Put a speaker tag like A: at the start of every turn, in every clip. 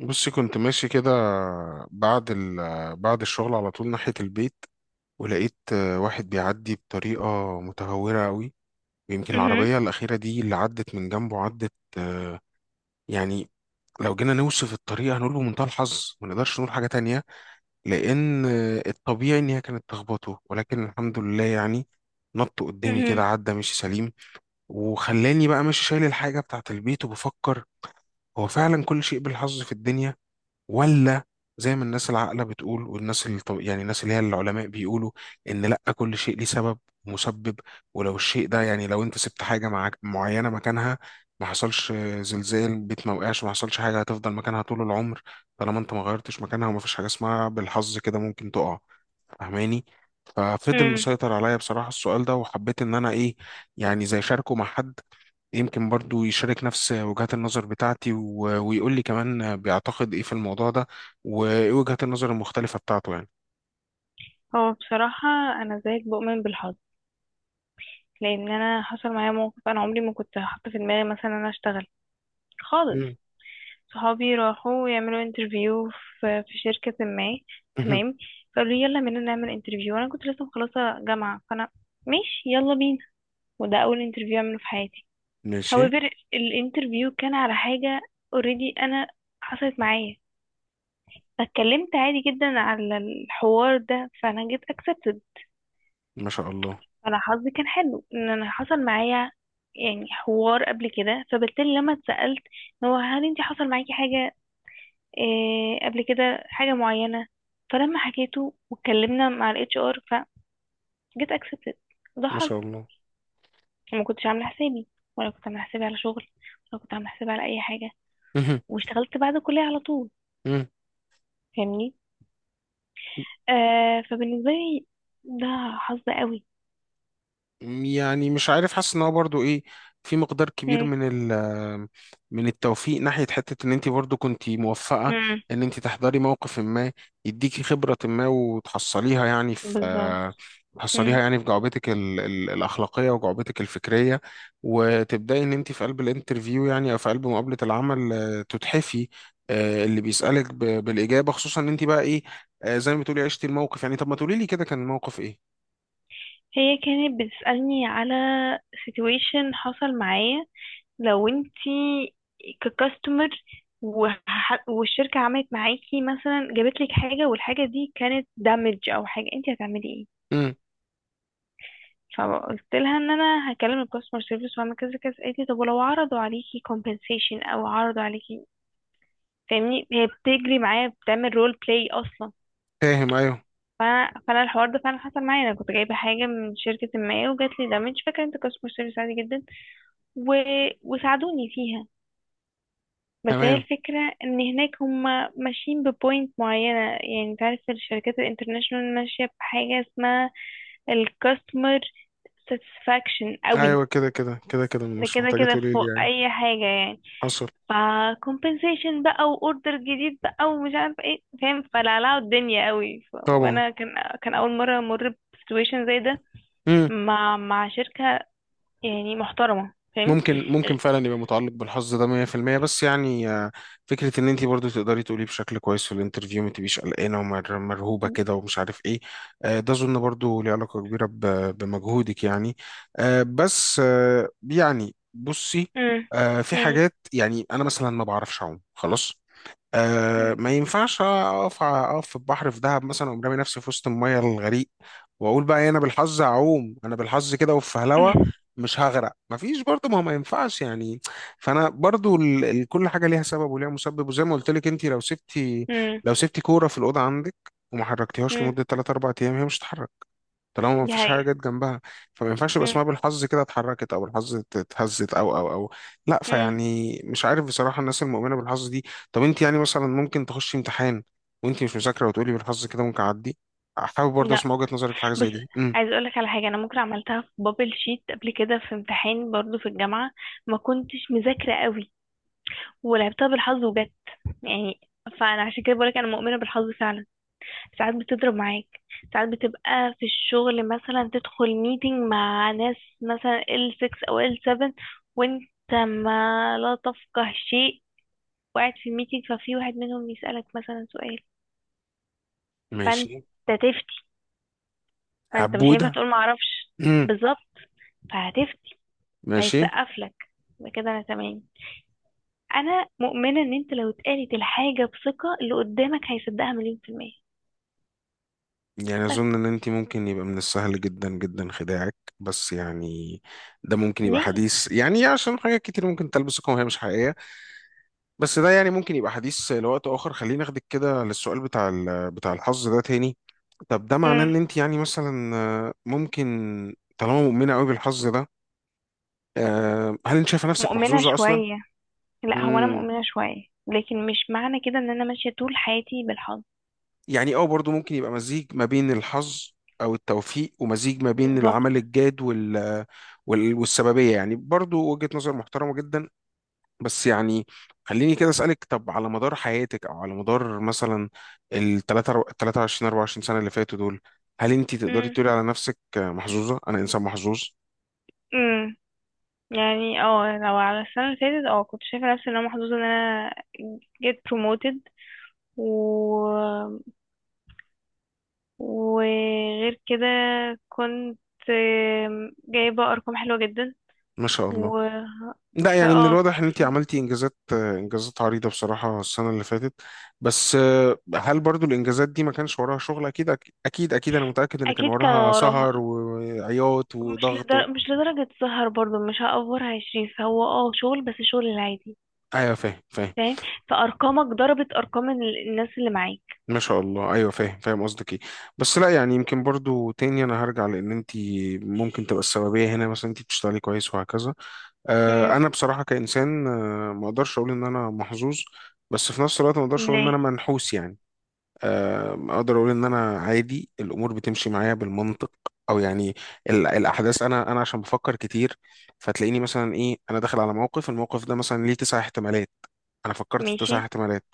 A: بصي كنت ماشي كده بعد ال... بعد الشغل على طول ناحية البيت. ولقيت واحد بيعدي بطريقة متهورة قوي، ويمكن
B: مهم.
A: العربية الأخيرة دي اللي عدت من جنبه عدت يعني لو جينا نوصف الطريقة هنقول بمنتهى الحظ، ما نقدرش نقول حاجة تانية، لأن الطبيعي إن هي كانت تخبطه، ولكن الحمد لله يعني نط قدامي
B: مهم.
A: كده عدى مشي سليم. وخلاني بقى ماشي شايل الحاجة بتاعت البيت وبفكر، هو فعلا كل شيء بالحظ في الدنيا، ولا زي ما الناس العاقلة بتقول والناس اللي يعني الناس اللي هي العلماء بيقولوا إن لأ كل شيء ليه سبب ومسبب؟ ولو الشيء ده يعني لو أنت سبت حاجة معاك معينة مكانها، ما حصلش زلزال، بيت ما وقعش، ما حصلش حاجة، هتفضل مكانها طول العمر طالما أنت ما غيرتش مكانها. وما فيش حاجة اسمها بالحظ كده ممكن تقع، فاهماني؟ ففضل
B: مم.
A: مسيطر عليا بصراحة السؤال ده، وحبيت إن أنا إيه يعني زي شاركه مع حد يمكن برضو يشارك نفس وجهات النظر بتاعتي، ويقول لي كمان بيعتقد ايه في الموضوع ده، وايه وجهات النظر المختلفة بتاعته يعني.
B: هو بصراحة أنا زيك بؤمن بالحظ، لأن أنا حصل معايا موقف. أنا عمري ما كنت حاطة في دماغي مثلا أنا أشتغل خالص.
A: مم.
B: صحابي راحوا يعملوا انترفيو في شركة ما،
A: مهم.
B: تمام. فقالوا لي يلا بينا نعمل انترفيو، أنا كنت لسه مخلصة جامعة، فأنا ماشي يلا بينا. وده أول انترفيو أعمله في حياتي.
A: ماشي.
B: However، الانترفيو كان على حاجة already أنا حصلت معايا، فاتكلمت عادي جدا على الحوار ده، فأنا جيت accepted.
A: ما شاء الله.
B: انا حظي كان حلو ان انا حصل معايا يعني حوار قبل كده، فبالتالي لما اتسألت إن هو هل انت حصل معاكي حاجة إيه قبل كده، حاجة معينة، فلما حكيته واتكلمنا مع الاتش ار، فجيت اكسبتد. ده
A: ما
B: حظ.
A: شاء الله.
B: وما كنتش عاملة حسابي، ولا كنت عاملة حسابي على شغل، ولا كنت عاملة حسابي على اي حاجة.
A: مهم.
B: واشتغلت بعد الكلية على طول.
A: مهم.
B: فاهمني؟ آه، فبالنسبة لي ده حظ قوي.
A: يعني مش عارف، حاسس ان هو برضو ايه، في مقدار كبير
B: مم.
A: من من التوفيق ناحية حتة ان انت برضو كنت موفقة،
B: مم.
A: ان انت تحضري موقف ما يديكي خبرة ما وتحصليها يعني
B: بالظبط.
A: في، تحصليها يعني في جعبتك ال الأخلاقية وجعبتك الفكرية، وتبدأي ان انت في قلب الانترفيو يعني او في قلب مقابلة العمل، تتحفي اللي بيسألك بالإجابة، خصوصا ان انت بقى ايه، زي ما بتقولي عشتي الموقف يعني، طب ما تقولي لي كده كان الموقف ايه.
B: هي كانت بتسألني على situation حصل معايا. لو انتي ككاستمر والشركة عملت معاكي مثلا جابت لك حاجة والحاجة دي كانت damage او حاجة، انتي هتعملي ايه؟
A: امم
B: فقلت لها ان انا هكلم الكاستمر سيرفيس واعمل كذا كذا. قالت لي طب ولو عرضوا عليكي compensation او عرضوا عليكي. فاهمني؟ هي بتجري معايا بتعمل رول بلاي اصلا.
A: فاهم ايوه.
B: فانا الحوار ده فعلا حصل معايا، انا كنت جايبه حاجه من شركه ما وجات لي دامج، فاكره انت كاستمر سيرفيس عادي جدا و... وساعدوني فيها. بس هي
A: تمام.
B: الفكرة ان هناك هم ماشيين ببوينت معينة، يعني انت عارف الشركات الانترناشونال ماشية بحاجة اسمها الكاستمر ساتسفاكشن قوي.
A: ايوه كده كده كده كده،
B: ده
A: مش
B: كده
A: محتاجه
B: كده
A: تقولي لي
B: فوق
A: يعني.
B: اي حاجة يعني.
A: حصل.
B: ف compensation بقى واوردر جديد بقى ومش عارفة ايه، فاهم؟ فلعلعوا الدنيا قوي.
A: طبعا.
B: وانا كان كان اول مرة امر بسيتويشن زي ده
A: امم
B: مع شركة يعني محترمة، فاهم؟
A: ممكن فعلا يبقى متعلق بالحظ ده 100%، بس يعني فكره ان انت برضو تقدري تقولي بشكل كويس في الانترفيو، ما تبقيش قلقانه ومرهوبه كده ومش عارف ايه، ده اظن برضو ليه علاقه كبيره بمجهودك يعني. آه، بس آه، يعني بصي، في
B: امم.
A: حاجات يعني انا مثلا ما بعرفش اعوم خلاص، ما ينفعش اقف في البحر في دهب مثلا، وأقوم رامي نفسي في وسط الميه الغريق، واقول بقى إيه، انا بالحظ اعوم، انا بالحظ كده وفي هلوة مش هغرق. مفيش برضه، ما هو ما ينفعش يعني. فانا برضه كل حاجه ليها سبب وليها مسبب، وزي ما قلت لك، انت لو سبتي
B: امم.
A: لو سبتي كوره في الاوضه عندك وما حركتيهاش
B: امم.
A: لمده 3 4 ايام، هي مش هتتحرك طالما ما
B: دي
A: فيش
B: حقيقة.
A: حاجه جت جنبها. فما ينفعش يبقى
B: امم.
A: اسمها بالحظ كده اتحركت، او بالحظ اتهزت، او لا،
B: امم.
A: فيعني مش عارف بصراحه الناس المؤمنه بالحظ دي. طب انت يعني مثلا ممكن تخشي امتحان وانت مش مذاكره وتقولي بالحظ كده ممكن اعدي؟ حابب برضه
B: لا،
A: اسمع وجهه نظرك في حاجه
B: بص،
A: زي دي.
B: عايز اقولك على حاجة. انا ممكن عملتها في بابل شيت قبل كده في امتحان برضو في الجامعة، ما كنتش مذاكرة قوي ولعبتها بالحظ وجت يعني. فانا عشان كده بقولك انا مؤمنة بالحظ فعلا. ساعات بتضرب معاك، ساعات بتبقى في الشغل مثلا تدخل ميتنج مع ناس مثلا L6 او L7، وانت ما لا تفقه شيء، وقاعد في الميتنج ففي واحد منهم يسألك مثلا سؤال. فانت،
A: ماشي.
B: ما انت مش هينفع
A: هبوده.
B: تقول ما اعرفش.
A: امم
B: بالظبط. فهتفتي،
A: ماشي.
B: فهيتسقف لك. يبقى كده انا تمام. انا مؤمنه ان انت لو اتقالت الحاجه بثقه اللي قدامك هيصدقها مليون في الميه.
A: يعني اظن ان انت ممكن يبقى من السهل جدا جدا خداعك، بس يعني ده ممكن يبقى
B: ليه؟
A: حديث يعني عشان حاجات كتير ممكن تلبسكم وهي مش حقيقيه، بس ده يعني ممكن يبقى حديث لوقت آخر. خلينا ناخدك كده للسؤال بتاع بتاع الحظ ده تاني. طب ده معناه
B: امم.
A: إن أنت يعني مثلا ممكن، طالما مؤمنة قوي بالحظ ده، هل أنت شايفة نفسك
B: مؤمنه
A: محظوظة أصلا؟
B: شويه. لا، هو انا
A: مم.
B: مؤمنه شويه لكن مش معنى كده ان انا ماشيه طول حياتي بالحظ.
A: يعني اه، برضو ممكن يبقى مزيج ما بين الحظ أو التوفيق، ومزيج ما بين العمل
B: بالظبط.
A: الجاد والسببية يعني، برضو وجهة نظر محترمة جدا. بس يعني خليني كده أسألك، طب على مدار حياتك، أو على مدار مثلا ال 23 24 سنة اللي فاتوا دول، هل أنت تقدري
B: امم.
A: تقولي على نفسك محظوظة؟ أنا إنسان محظوظ.
B: امم. يعني اه لو على السنه اللي فاتت، اه كنت شايفه نفسي ان انا محظوظه ان انا get promoted. وغير كده كنت جايبة أرقام حلوة جدا.
A: ما شاء الله.
B: و
A: لا يعني من
B: فاه.
A: الواضح إن أنت عملتي إنجازات، إنجازات عريضة بصراحة السنة اللي فاتت، بس هل برضو الإنجازات دي ما كانش وراها شغل؟ أكيد أكيد أكيد أنا متأكد إن كان
B: أكيد كان
A: وراها
B: وراها.
A: سهر وعياط وضغط
B: مش لدرجة سهر برضو، مش هأفورها يا شريف، هو اه شغل بس شغل العادي.
A: أيوه فاهم فاهم.
B: فاهم. فأرقامك ضربت أرقام الناس اللي معاك.
A: ما شاء الله ايوه فاهم فاهم قصدك ايه. بس لا يعني يمكن برضو تاني انا هرجع، لان انت ممكن تبقى السببيه هنا، مثلا انت بتشتغلي كويس وهكذا.
B: امم.
A: انا بصراحه كانسان ما اقدرش اقول ان انا محظوظ، بس في نفس الوقت ما اقدرش اقول ان انا
B: ليه؟
A: منحوس يعني. اقدر اقول ان انا عادي، الامور بتمشي معايا بالمنطق، او يعني الاحداث، انا عشان بفكر كتير، فتلاقيني مثلا ايه انا داخل على موقف، الموقف ده مثلا ليه تسع احتمالات، انا فكرت في
B: ماشي.
A: تسع احتمالات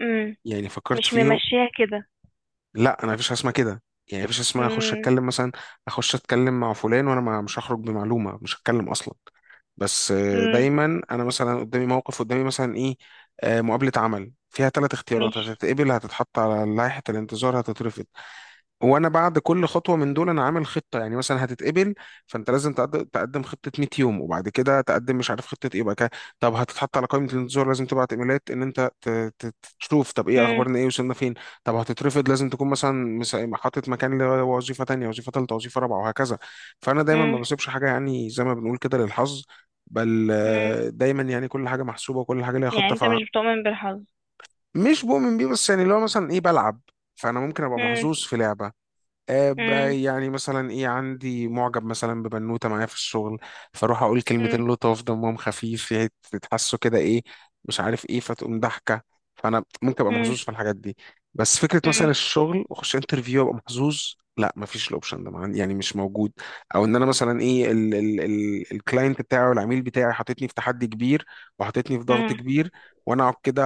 B: امم.
A: يعني، فكرت
B: مش
A: فيهم.
B: ممشيها كده.
A: لا انا مفيش حاجه اسمها كده، يعني مفيش حاجة اسمها اخش
B: امم.
A: اتكلم مثلا، اخش اتكلم مع فلان وانا مش هخرج بمعلومه، مش هتكلم اصلا. بس
B: امم.
A: دايما انا مثلا قدامي موقف، قدامي مثلا ايه، مقابله عمل فيها ثلاث اختيارات،
B: ماشي.
A: هتتقبل، هتتحط على لائحه الانتظار، هتترفض. وانا بعد كل خطوه من دول انا عامل خطه، يعني مثلا هتتقبل، فانت لازم تقدم خطه 100 يوم، وبعد كده تقدم مش عارف خطه ايه بقى كده. طب هتتحط على قائمه الانتظار، لازم تبعت ايميلات ان انت ت- تشوف، طب ايه
B: امم.
A: اخبارنا، ايه وصلنا فين. طب هتترفض، لازم تكون مثلا حاطط مكان لوظيفه تانية، وظيفه ثالثه، وظيفه رابعه، وهكذا. فانا دايما ما
B: امم.
A: بسيبش حاجه يعني زي ما بنقول كده للحظ، بل
B: امم.
A: دايما يعني كل حاجه محسوبه، وكل حاجه ليها
B: يعني
A: خطه.
B: انت مش بتؤمن بالحظ؟
A: فمش بؤمن بيه، بس يعني لو مثلا ايه بلعب، فانا ممكن ابقى
B: امم.
A: محظوظ في لعبه،
B: امم.
A: يعني مثلا ايه، عندي معجب مثلا ببنوته معايا في الشغل، فاروح اقول كلمتين لطاف، دمهم خفيف، هي تتحسوا كده ايه، مش عارف ايه، فتقوم ضحكه، فانا ممكن ابقى
B: امم.
A: محظوظ في الحاجات دي. بس فكره مثلا الشغل واخش انترفيو ابقى محظوظ، لا مفيش الاوبشن ده، يعني مش موجود. او ان انا مثلا ايه الكلاينت بتاعي، والعميل بتاعي حاططني في تحدي كبير، وحاططني في ضغط
B: امم.
A: كبير، وانا اقعد كده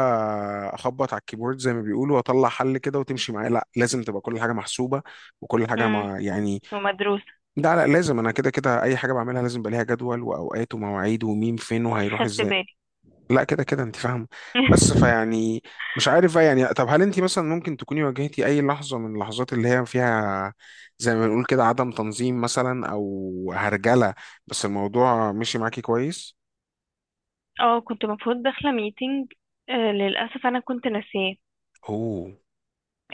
A: اخبط على الكيبورد زي ما بيقولوا واطلع حل كده وتمشي معايا، لا لازم تبقى كل حاجه محسوبه، وكل حاجه
B: امم.
A: مع يعني،
B: ومدروسة.
A: ده لا لازم انا، كده كده اي حاجه بعملها لازم يبقى ليها جدول واوقات ومواعيد ومين فين وهيروح
B: خدت
A: ازاي.
B: بالي.
A: لا كده كده انت فاهمه. بس فيعني مش عارف بقى يعني، طب هل انت مثلا ممكن تكوني واجهتي اي لحظه من اللحظات اللي هي فيها زي ما بنقول كده عدم تنظيم مثلا، او هرجله، بس الموضوع مشي معاكي كويس؟
B: اه كنت المفروض داخلة ميتنج، آه للأسف أنا كنت ناسياه.
A: اوه.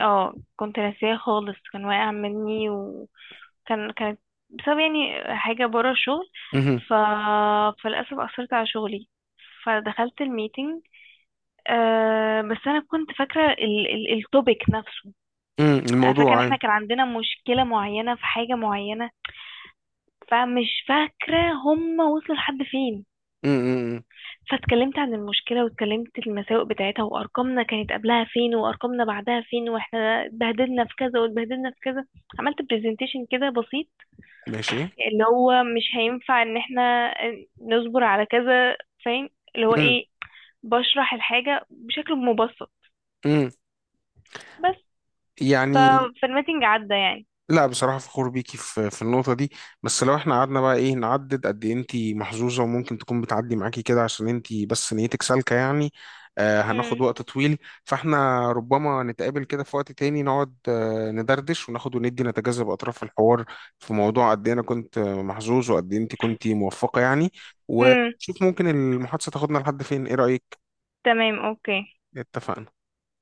B: اه كنت ناسياه خالص، كان واقع مني، وكان كانت بسبب يعني حاجة برا الشغل.
A: مهم.
B: ف... فللأسف أثرت على شغلي. فدخلت الميتنج، آه بس أنا كنت فاكرة التوبيك نفسه.
A: مم.
B: أنا فاكرة إن
A: الموضوع
B: احنا
A: ايوه.
B: كان عندنا مشكلة معينة في حاجة معينة، فمش فاكرة هما وصلوا لحد فين.
A: مم. مم. مم.
B: فاتكلمت عن المشكلة، واتكلمت المساوئ بتاعتها، وأرقامنا كانت قبلها فين وأرقامنا بعدها فين، وإحنا اتبهدلنا في كذا واتبهدلنا في كذا. عملت برزنتيشن كده بسيط
A: ماشي.
B: اللي هو مش هينفع إن إحنا نصبر على كذا، فاهم؟ اللي هو
A: مم.
B: إيه بشرح الحاجة بشكل مبسط
A: مم.
B: بس.
A: يعني
B: ف- فالميتنج عدى يعني.
A: لا بصراحة فخور بيكي في النقطة دي، بس لو احنا قعدنا بقى ايه نعدد قد ايه انتي محظوظة وممكن تكون بتعدي معاكي كده عشان انتي بس نيتك سالكة يعني، هناخد
B: مم.
A: وقت طويل. فاحنا ربما نتقابل كده في وقت تاني، نقعد ندردش وناخد وندي نتجاذب أطراف الحوار في موضوع قد ايه انا كنت محظوظ وقد ايه انتي كنتي موفقة يعني،
B: مم.
A: ونشوف ممكن المحادثة تاخدنا لحد فين. ايه رأيك؟
B: تمام أوكي.
A: اتفقنا.